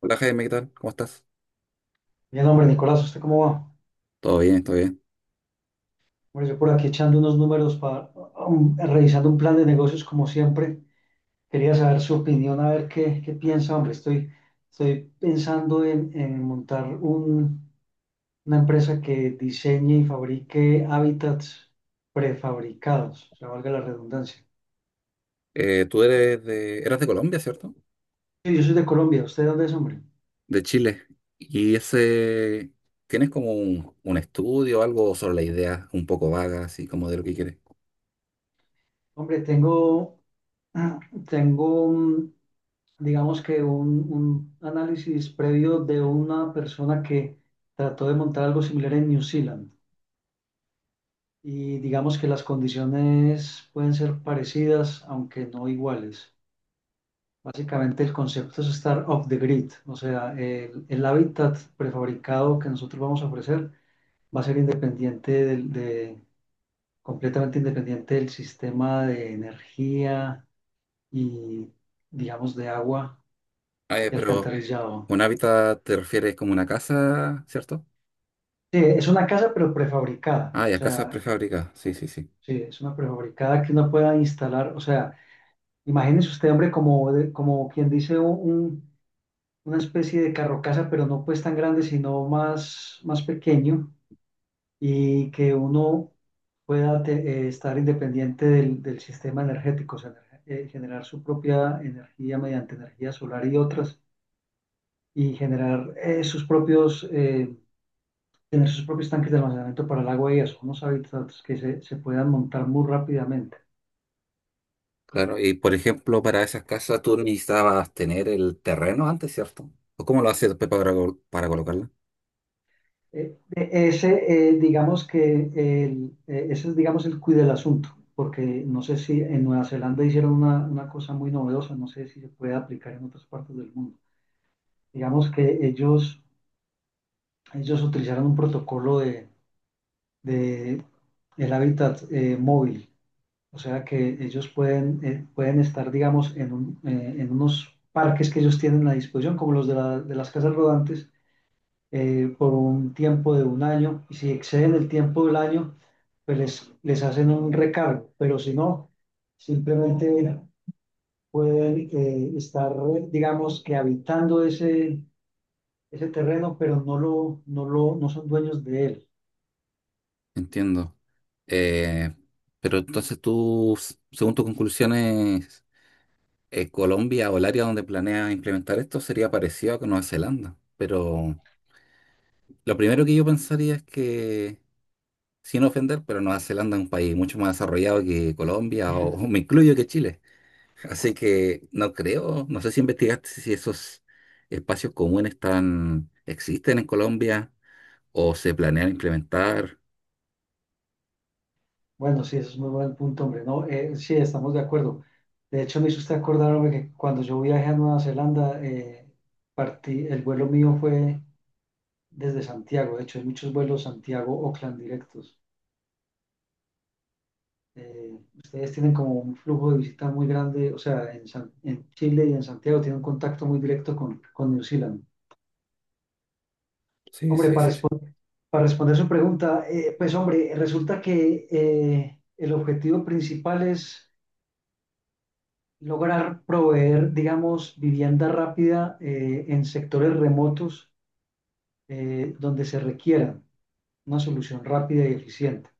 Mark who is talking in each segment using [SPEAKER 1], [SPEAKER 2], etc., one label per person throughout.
[SPEAKER 1] Hola Jaime, ¿qué tal? ¿Cómo estás?
[SPEAKER 2] Bien, hombre, Nicolás, ¿usted cómo va?
[SPEAKER 1] Todo bien, todo bien.
[SPEAKER 2] Hombre, yo por aquí echando unos números para, revisando un plan de negocios como siempre. Quería saber su opinión, a ver qué piensa, hombre. Estoy pensando en una empresa que diseñe y fabrique hábitats prefabricados, o sea, valga la redundancia.
[SPEAKER 1] Tú eres eras de Colombia, ¿cierto?
[SPEAKER 2] Sí, yo soy de Colombia, ¿usted dónde es, hombre?
[SPEAKER 1] De Chile. ¿Y ese, tienes como un estudio, algo sobre la idea un poco vaga, así como de lo que quieres?
[SPEAKER 2] Hombre, tengo, mm, digamos que un análisis previo de una persona que trató de montar algo similar en New Zealand. Y digamos que las condiciones pueden ser parecidas, aunque no iguales. Básicamente el concepto es estar off the grid, o sea, el hábitat prefabricado que nosotros vamos a ofrecer va a ser completamente independiente del sistema de energía y, digamos, de agua
[SPEAKER 1] Ah,
[SPEAKER 2] y
[SPEAKER 1] pero
[SPEAKER 2] alcantarillado.
[SPEAKER 1] un hábitat te refieres como una casa, ¿cierto?
[SPEAKER 2] Sí, es una casa pero prefabricada,
[SPEAKER 1] Ah,
[SPEAKER 2] o
[SPEAKER 1] ya, casas
[SPEAKER 2] sea,
[SPEAKER 1] prefabricadas. Sí, sí, sí.
[SPEAKER 2] sí, es una prefabricada que uno pueda instalar, o sea, imagínese usted, hombre, como quien dice una especie de carro casa, pero no pues tan grande, sino más pequeño y que uno estar independiente del sistema energético, o sea, generar su propia energía mediante energía solar y otras, y generar sus tener sus propios tanques de almacenamiento para el agua y eso, unos hábitats que se puedan montar muy rápidamente.
[SPEAKER 1] Claro. Y por ejemplo, para esas casas tú necesitabas tener el terreno antes, ¿cierto? ¿O cómo lo haces después para, para colocarla?
[SPEAKER 2] Digamos que ese es, digamos, el cuide del asunto, porque no sé si en Nueva Zelanda hicieron una cosa muy novedosa, no sé si se puede aplicar en otras partes del mundo. Digamos que ellos utilizaron un protocolo de el hábitat móvil. O sea que ellos pueden, pueden estar, digamos, en unos parques que ellos tienen a disposición, como los de las casas rodantes, por un tiempo de un año. Y si exceden el tiempo del año, pues les hacen un recargo. Pero si no, simplemente pueden estar, digamos, que habitando ese terreno, pero no son dueños de él.
[SPEAKER 1] Entiendo. Eh, pero entonces tú, según tus conclusiones, Colombia o el área donde planeas implementar esto sería parecido a con Nueva Zelanda. Pero lo primero que yo pensaría es que, sin ofender, pero Nueva Zelanda es un país mucho más desarrollado que Colombia o me incluyo que Chile. Así que no creo, no sé si investigaste si esos espacios comunes están, existen en Colombia o se planean implementar.
[SPEAKER 2] Bueno, sí, eso es muy buen punto, hombre. No, sí, estamos de acuerdo. De hecho, me hizo usted acordar, hombre, que cuando yo viajé a Nueva Zelanda, partí, el vuelo mío fue desde Santiago. De hecho, hay muchos vuelos Santiago-Oakland directos. Eh, ustedes tienen como un flujo de visita muy grande, o sea, en Chile y en Santiago tienen un contacto muy directo con New Zealand.
[SPEAKER 1] Sí,
[SPEAKER 2] Hombre,
[SPEAKER 1] sí, sí.
[SPEAKER 2] para responder su pregunta, pues, hombre, resulta que el objetivo principal es lograr proveer, digamos, vivienda rápida en sectores remotos donde se requiera una solución rápida y eficiente.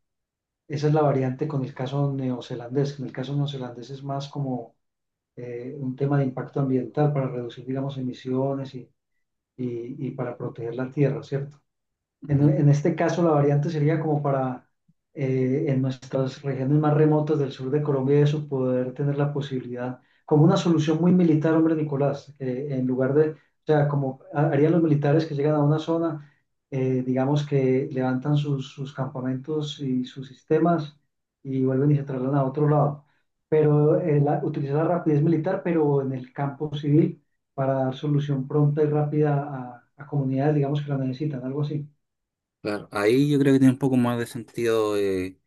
[SPEAKER 2] Esa es la variante con el caso neozelandés. En el caso neozelandés es más como un tema de impacto ambiental para reducir, digamos, emisiones y, y para proteger la tierra, ¿cierto?
[SPEAKER 1] Sí.
[SPEAKER 2] En este caso, la variante sería como para en nuestras regiones más remotas del sur de Colombia, y eso poder tener la posibilidad, como una solución muy militar, hombre Nicolás, en lugar de, o sea, harían los militares que llegan a una zona, digamos que levantan sus campamentos y sus sistemas y vuelven y se trasladan a otro lado. Pero utilizar la rapidez militar, pero en el campo civil, para dar solución pronta y rápida a comunidades, digamos, que la necesitan, algo así.
[SPEAKER 1] Claro, ahí yo creo que tiene un poco más de sentido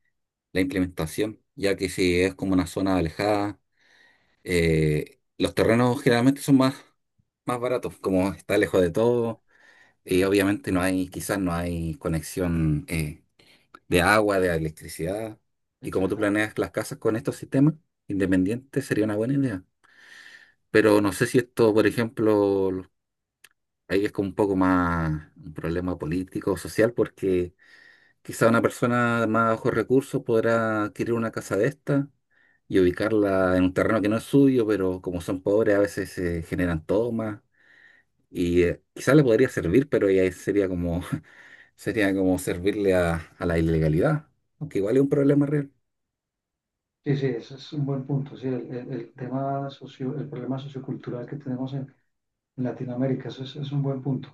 [SPEAKER 1] la implementación, ya que si es como una zona alejada, los terrenos generalmente son más, más baratos, como está lejos de todo, y obviamente no hay, quizás no hay conexión de agua, de electricidad, y como tú
[SPEAKER 2] Exactamente.
[SPEAKER 1] planeas las casas con estos sistemas independientes sería una buena idea. Pero no sé si esto, por ejemplo, ahí es como un poco más un problema político o social, porque quizá una persona de más bajos recursos podrá adquirir una casa de esta y ubicarla en un terreno que no es suyo, pero como son pobres a veces se generan tomas y quizá le podría
[SPEAKER 2] Ok.
[SPEAKER 1] servir, pero ya sería como, sería como servirle a la ilegalidad, aunque igual es un problema real.
[SPEAKER 2] Sí, sí, ese es un buen punto. Sí, el tema socio, el problema sociocultural que tenemos en Latinoamérica, eso es un buen punto.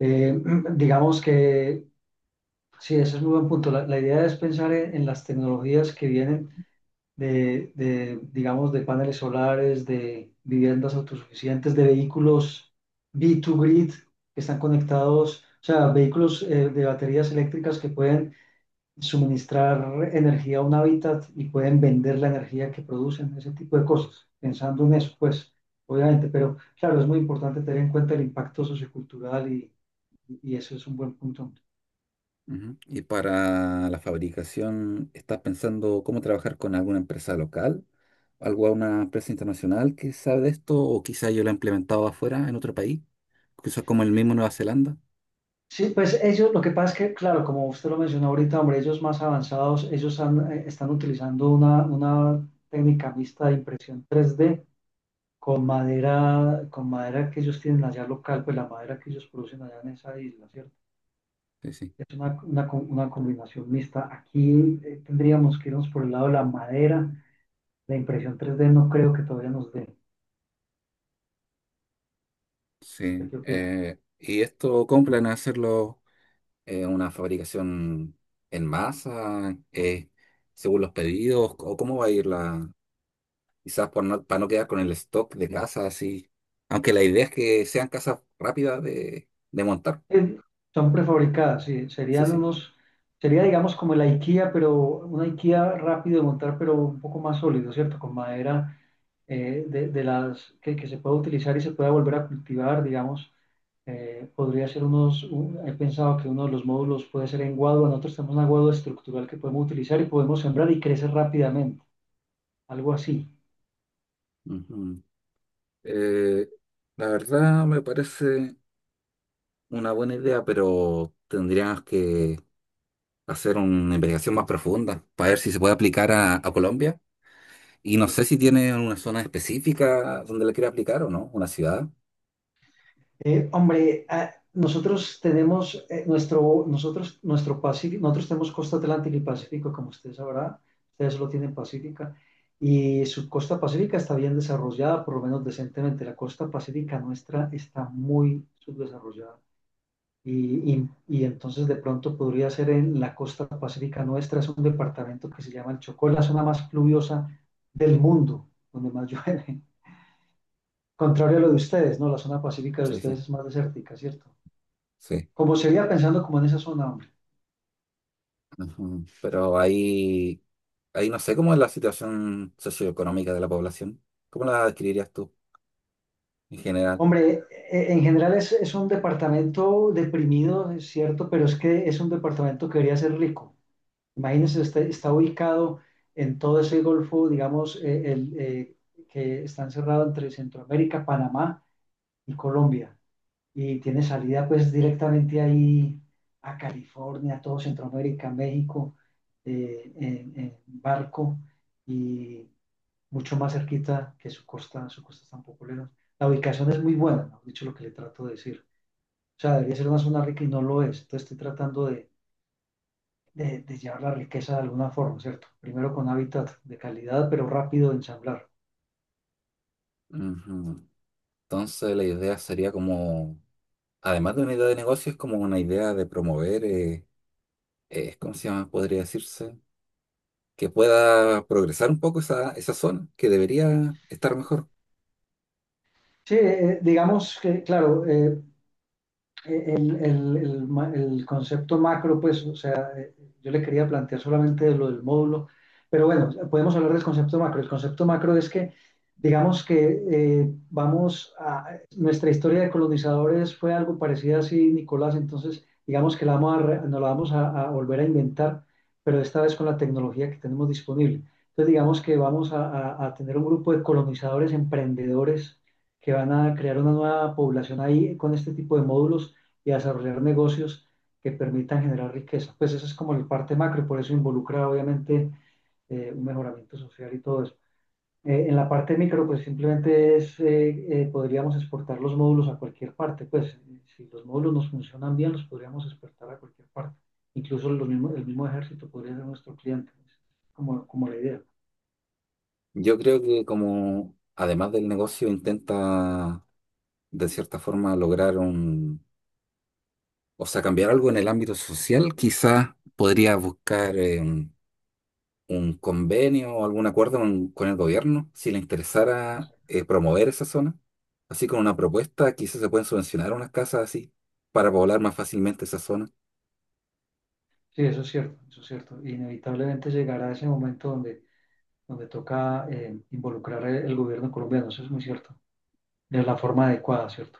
[SPEAKER 2] Eh, digamos que sí, ese es muy buen punto. La idea es pensar en las tecnologías que vienen digamos, de paneles solares, de viviendas autosuficientes, de vehículos B2Grid que están conectados, o sea, vehículos de baterías eléctricas que pueden suministrar energía a un hábitat y pueden vender la energía que producen, ese tipo de cosas, pensando en eso, pues, obviamente, pero claro, es muy importante tener en cuenta el impacto sociocultural y eso es un buen punto.
[SPEAKER 1] Ujú. Y para la fabricación, ¿estás pensando cómo trabajar con alguna empresa local? ¿Alguna empresa internacional que sabe de esto? ¿O quizá yo la he implementado afuera, en otro país? Quizás como el mismo Nueva Zelanda.
[SPEAKER 2] Sí, pues ellos, lo que pasa es que, claro, como usted lo mencionó ahorita, hombre, ellos más avanzados, están utilizando una técnica mixta de impresión 3D con madera que ellos tienen allá local, pues la madera que ellos producen allá en esa isla, ¿cierto?
[SPEAKER 1] Sí, sí.
[SPEAKER 2] Es una una combinación mixta. Aquí tendríamos que irnos por el lado de la madera. La impresión 3D no creo que todavía nos dé.
[SPEAKER 1] Sí,
[SPEAKER 2] ¿Qué opina?
[SPEAKER 1] y esto compran a hacerlo una fabricación en masa, según los pedidos, o cómo va a ir la, quizás por no, para no quedar con el stock de casas así, aunque la idea es que sean casas rápidas de montar.
[SPEAKER 2] Eh, Son prefabricadas, sí.
[SPEAKER 1] Sí, sí.
[SPEAKER 2] Sería digamos como el IKEA, pero una IKEA rápido de montar, pero un poco más sólido, ¿cierto? Con madera de las que se pueda utilizar y se pueda volver a cultivar, digamos. Podría ser unos, un- he pensado que uno de los módulos puede ser en guadua. Nosotros tenemos una guadua estructural que podemos utilizar y podemos sembrar y crece rápidamente, algo así.
[SPEAKER 1] Ujú. Eh, la verdad me parece una buena idea, pero tendríamos que hacer una investigación más profunda para ver si se puede aplicar
[SPEAKER 2] Sí, claro.
[SPEAKER 1] a Colombia. Y no sé si tiene una zona específica donde le quiere aplicar o no, una ciudad.
[SPEAKER 2] Hombre, ah, nosotros tenemos nuestro Pacífico, nosotros tenemos costa atlántica y pacífico, como usted sabrá, ustedes lo tienen pacífica, y su costa pacífica está bien desarrollada, por lo menos decentemente. La costa pacífica nuestra está muy subdesarrollada. Y entonces de pronto podría ser en la costa pacífica nuestra, es un departamento que se llama el Chocó, la zona más pluviosa del mundo, donde más llueve. Contrario a lo de ustedes, ¿no? La zona pacífica de
[SPEAKER 1] Sí,
[SPEAKER 2] ustedes
[SPEAKER 1] sí,
[SPEAKER 2] es más desértica, ¿cierto?
[SPEAKER 1] sí.
[SPEAKER 2] Como sería pensando como en esa zona, hombre.
[SPEAKER 1] Ujú. Pero ahí, ahí no sé cómo es la situación socioeconómica de la población. ¿Cómo la describirías tú en general?
[SPEAKER 2] Hombre, en general es un departamento deprimido, es cierto, pero es que es un departamento que debería ser rico. Imagínense, está ubicado en todo ese golfo, digamos, que está encerrado entre Centroamérica, Panamá y Colombia. Y tiene salida pues directamente ahí a California, todo Centroamérica, México, en barco. Y mucho más cerquita que su costa tan popular. La ubicación es muy buena, ¿no? Dicho lo que le trato de decir. O sea, debería ser una zona rica y no lo es. Entonces estoy tratando de llevar la riqueza de alguna forma, ¿cierto? Primero con hábitat de calidad, pero rápido de ensamblar.
[SPEAKER 1] Ujú. Entonces la idea sería como, además de una idea de negocio, es como una idea de promover, ¿cómo se llama? Podría decirse, que pueda progresar un poco esa, esa zona, que debería estar mejor.
[SPEAKER 2] Sí, digamos que, claro, el, el concepto macro, pues, o sea, yo le quería plantear solamente lo del módulo, pero bueno, podemos hablar del concepto macro. El concepto macro es que, digamos que nuestra historia de colonizadores fue algo parecida así, Nicolás, entonces digamos que la nos la vamos a volver a inventar, pero esta vez con la tecnología que tenemos disponible. Entonces digamos que a tener un grupo de colonizadores, emprendedores, que van a crear una nueva población ahí con este tipo de módulos y a desarrollar negocios que permitan generar riqueza. Pues esa es como la parte macro y por eso involucra obviamente un mejoramiento social y todo eso. En la parte micro, pues simplemente es, podríamos exportar los módulos a cualquier parte. Pues si los módulos nos funcionan bien, los podríamos exportar a cualquier parte. Incluso los mismos, el mismo ejército podría ser nuestro cliente, pues, como la idea.
[SPEAKER 1] Yo creo que como, además del negocio, intenta de cierta forma lograr un, o sea, cambiar algo en el ámbito social, quizás podría buscar un convenio o algún acuerdo con el gobierno, si le
[SPEAKER 2] O
[SPEAKER 1] interesara
[SPEAKER 2] sea,
[SPEAKER 1] promover esa zona. Así con una propuesta, quizás se pueden subvencionar unas casas así para poblar más fácilmente esa zona.
[SPEAKER 2] sí, eso es cierto, eso es cierto. Inevitablemente llegará ese momento donde toca involucrar el gobierno colombiano, eso es muy cierto, de la forma adecuada, ¿cierto?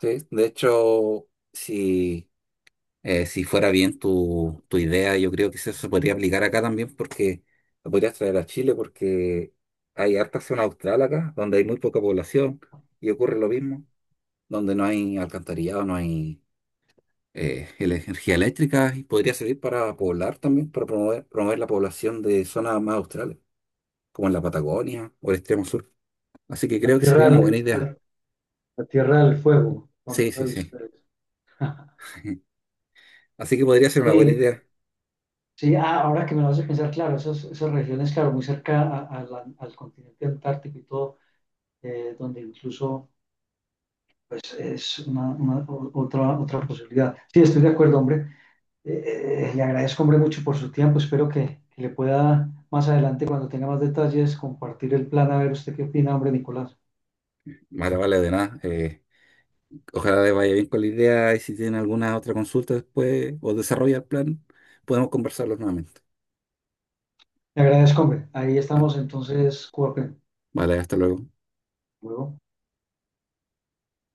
[SPEAKER 1] Sí, de hecho, si si fuera bien tu, tu idea, yo creo que eso se podría aplicar acá también porque lo podrías traer a Chile porque hay harta zona austral acá, donde hay muy poca población y ocurre lo mismo, donde no hay alcantarillado, no hay energía eléctrica y podría servir para poblar también, para promover, promover la población de zonas más australes, como en la Patagonia o el extremo sur. Así que
[SPEAKER 2] A
[SPEAKER 1] creo que
[SPEAKER 2] tierra
[SPEAKER 1] sería una buena
[SPEAKER 2] al,
[SPEAKER 1] idea.
[SPEAKER 2] a, a tierra del fuego,
[SPEAKER 1] Sí,
[SPEAKER 2] famosa
[SPEAKER 1] sí,
[SPEAKER 2] de
[SPEAKER 1] sí.
[SPEAKER 2] ustedes.
[SPEAKER 1] Así que podría ser una buena
[SPEAKER 2] Sí,
[SPEAKER 1] idea.
[SPEAKER 2] sí, ah, ahora que me lo hace pensar, claro, esas regiones, claro, muy cerca al continente antártico y todo, donde incluso pues es otra, otra posibilidad. Sí, estoy de acuerdo, hombre. Le agradezco, hombre, mucho por su tiempo. Espero que le pueda más adelante, cuando tenga más detalles, compartir el plan, a ver usted qué opina, hombre, Nicolás.
[SPEAKER 1] Vale, vale, de nada. Ojalá les vaya bien con la idea y si tienen alguna otra consulta después o desarrolla el plan, podemos conversarlo nuevamente.
[SPEAKER 2] Le agradezco, hombre. Ahí
[SPEAKER 1] Bueno,
[SPEAKER 2] estamos entonces, Cuapen.
[SPEAKER 1] vale, hasta luego.
[SPEAKER 2] Luego.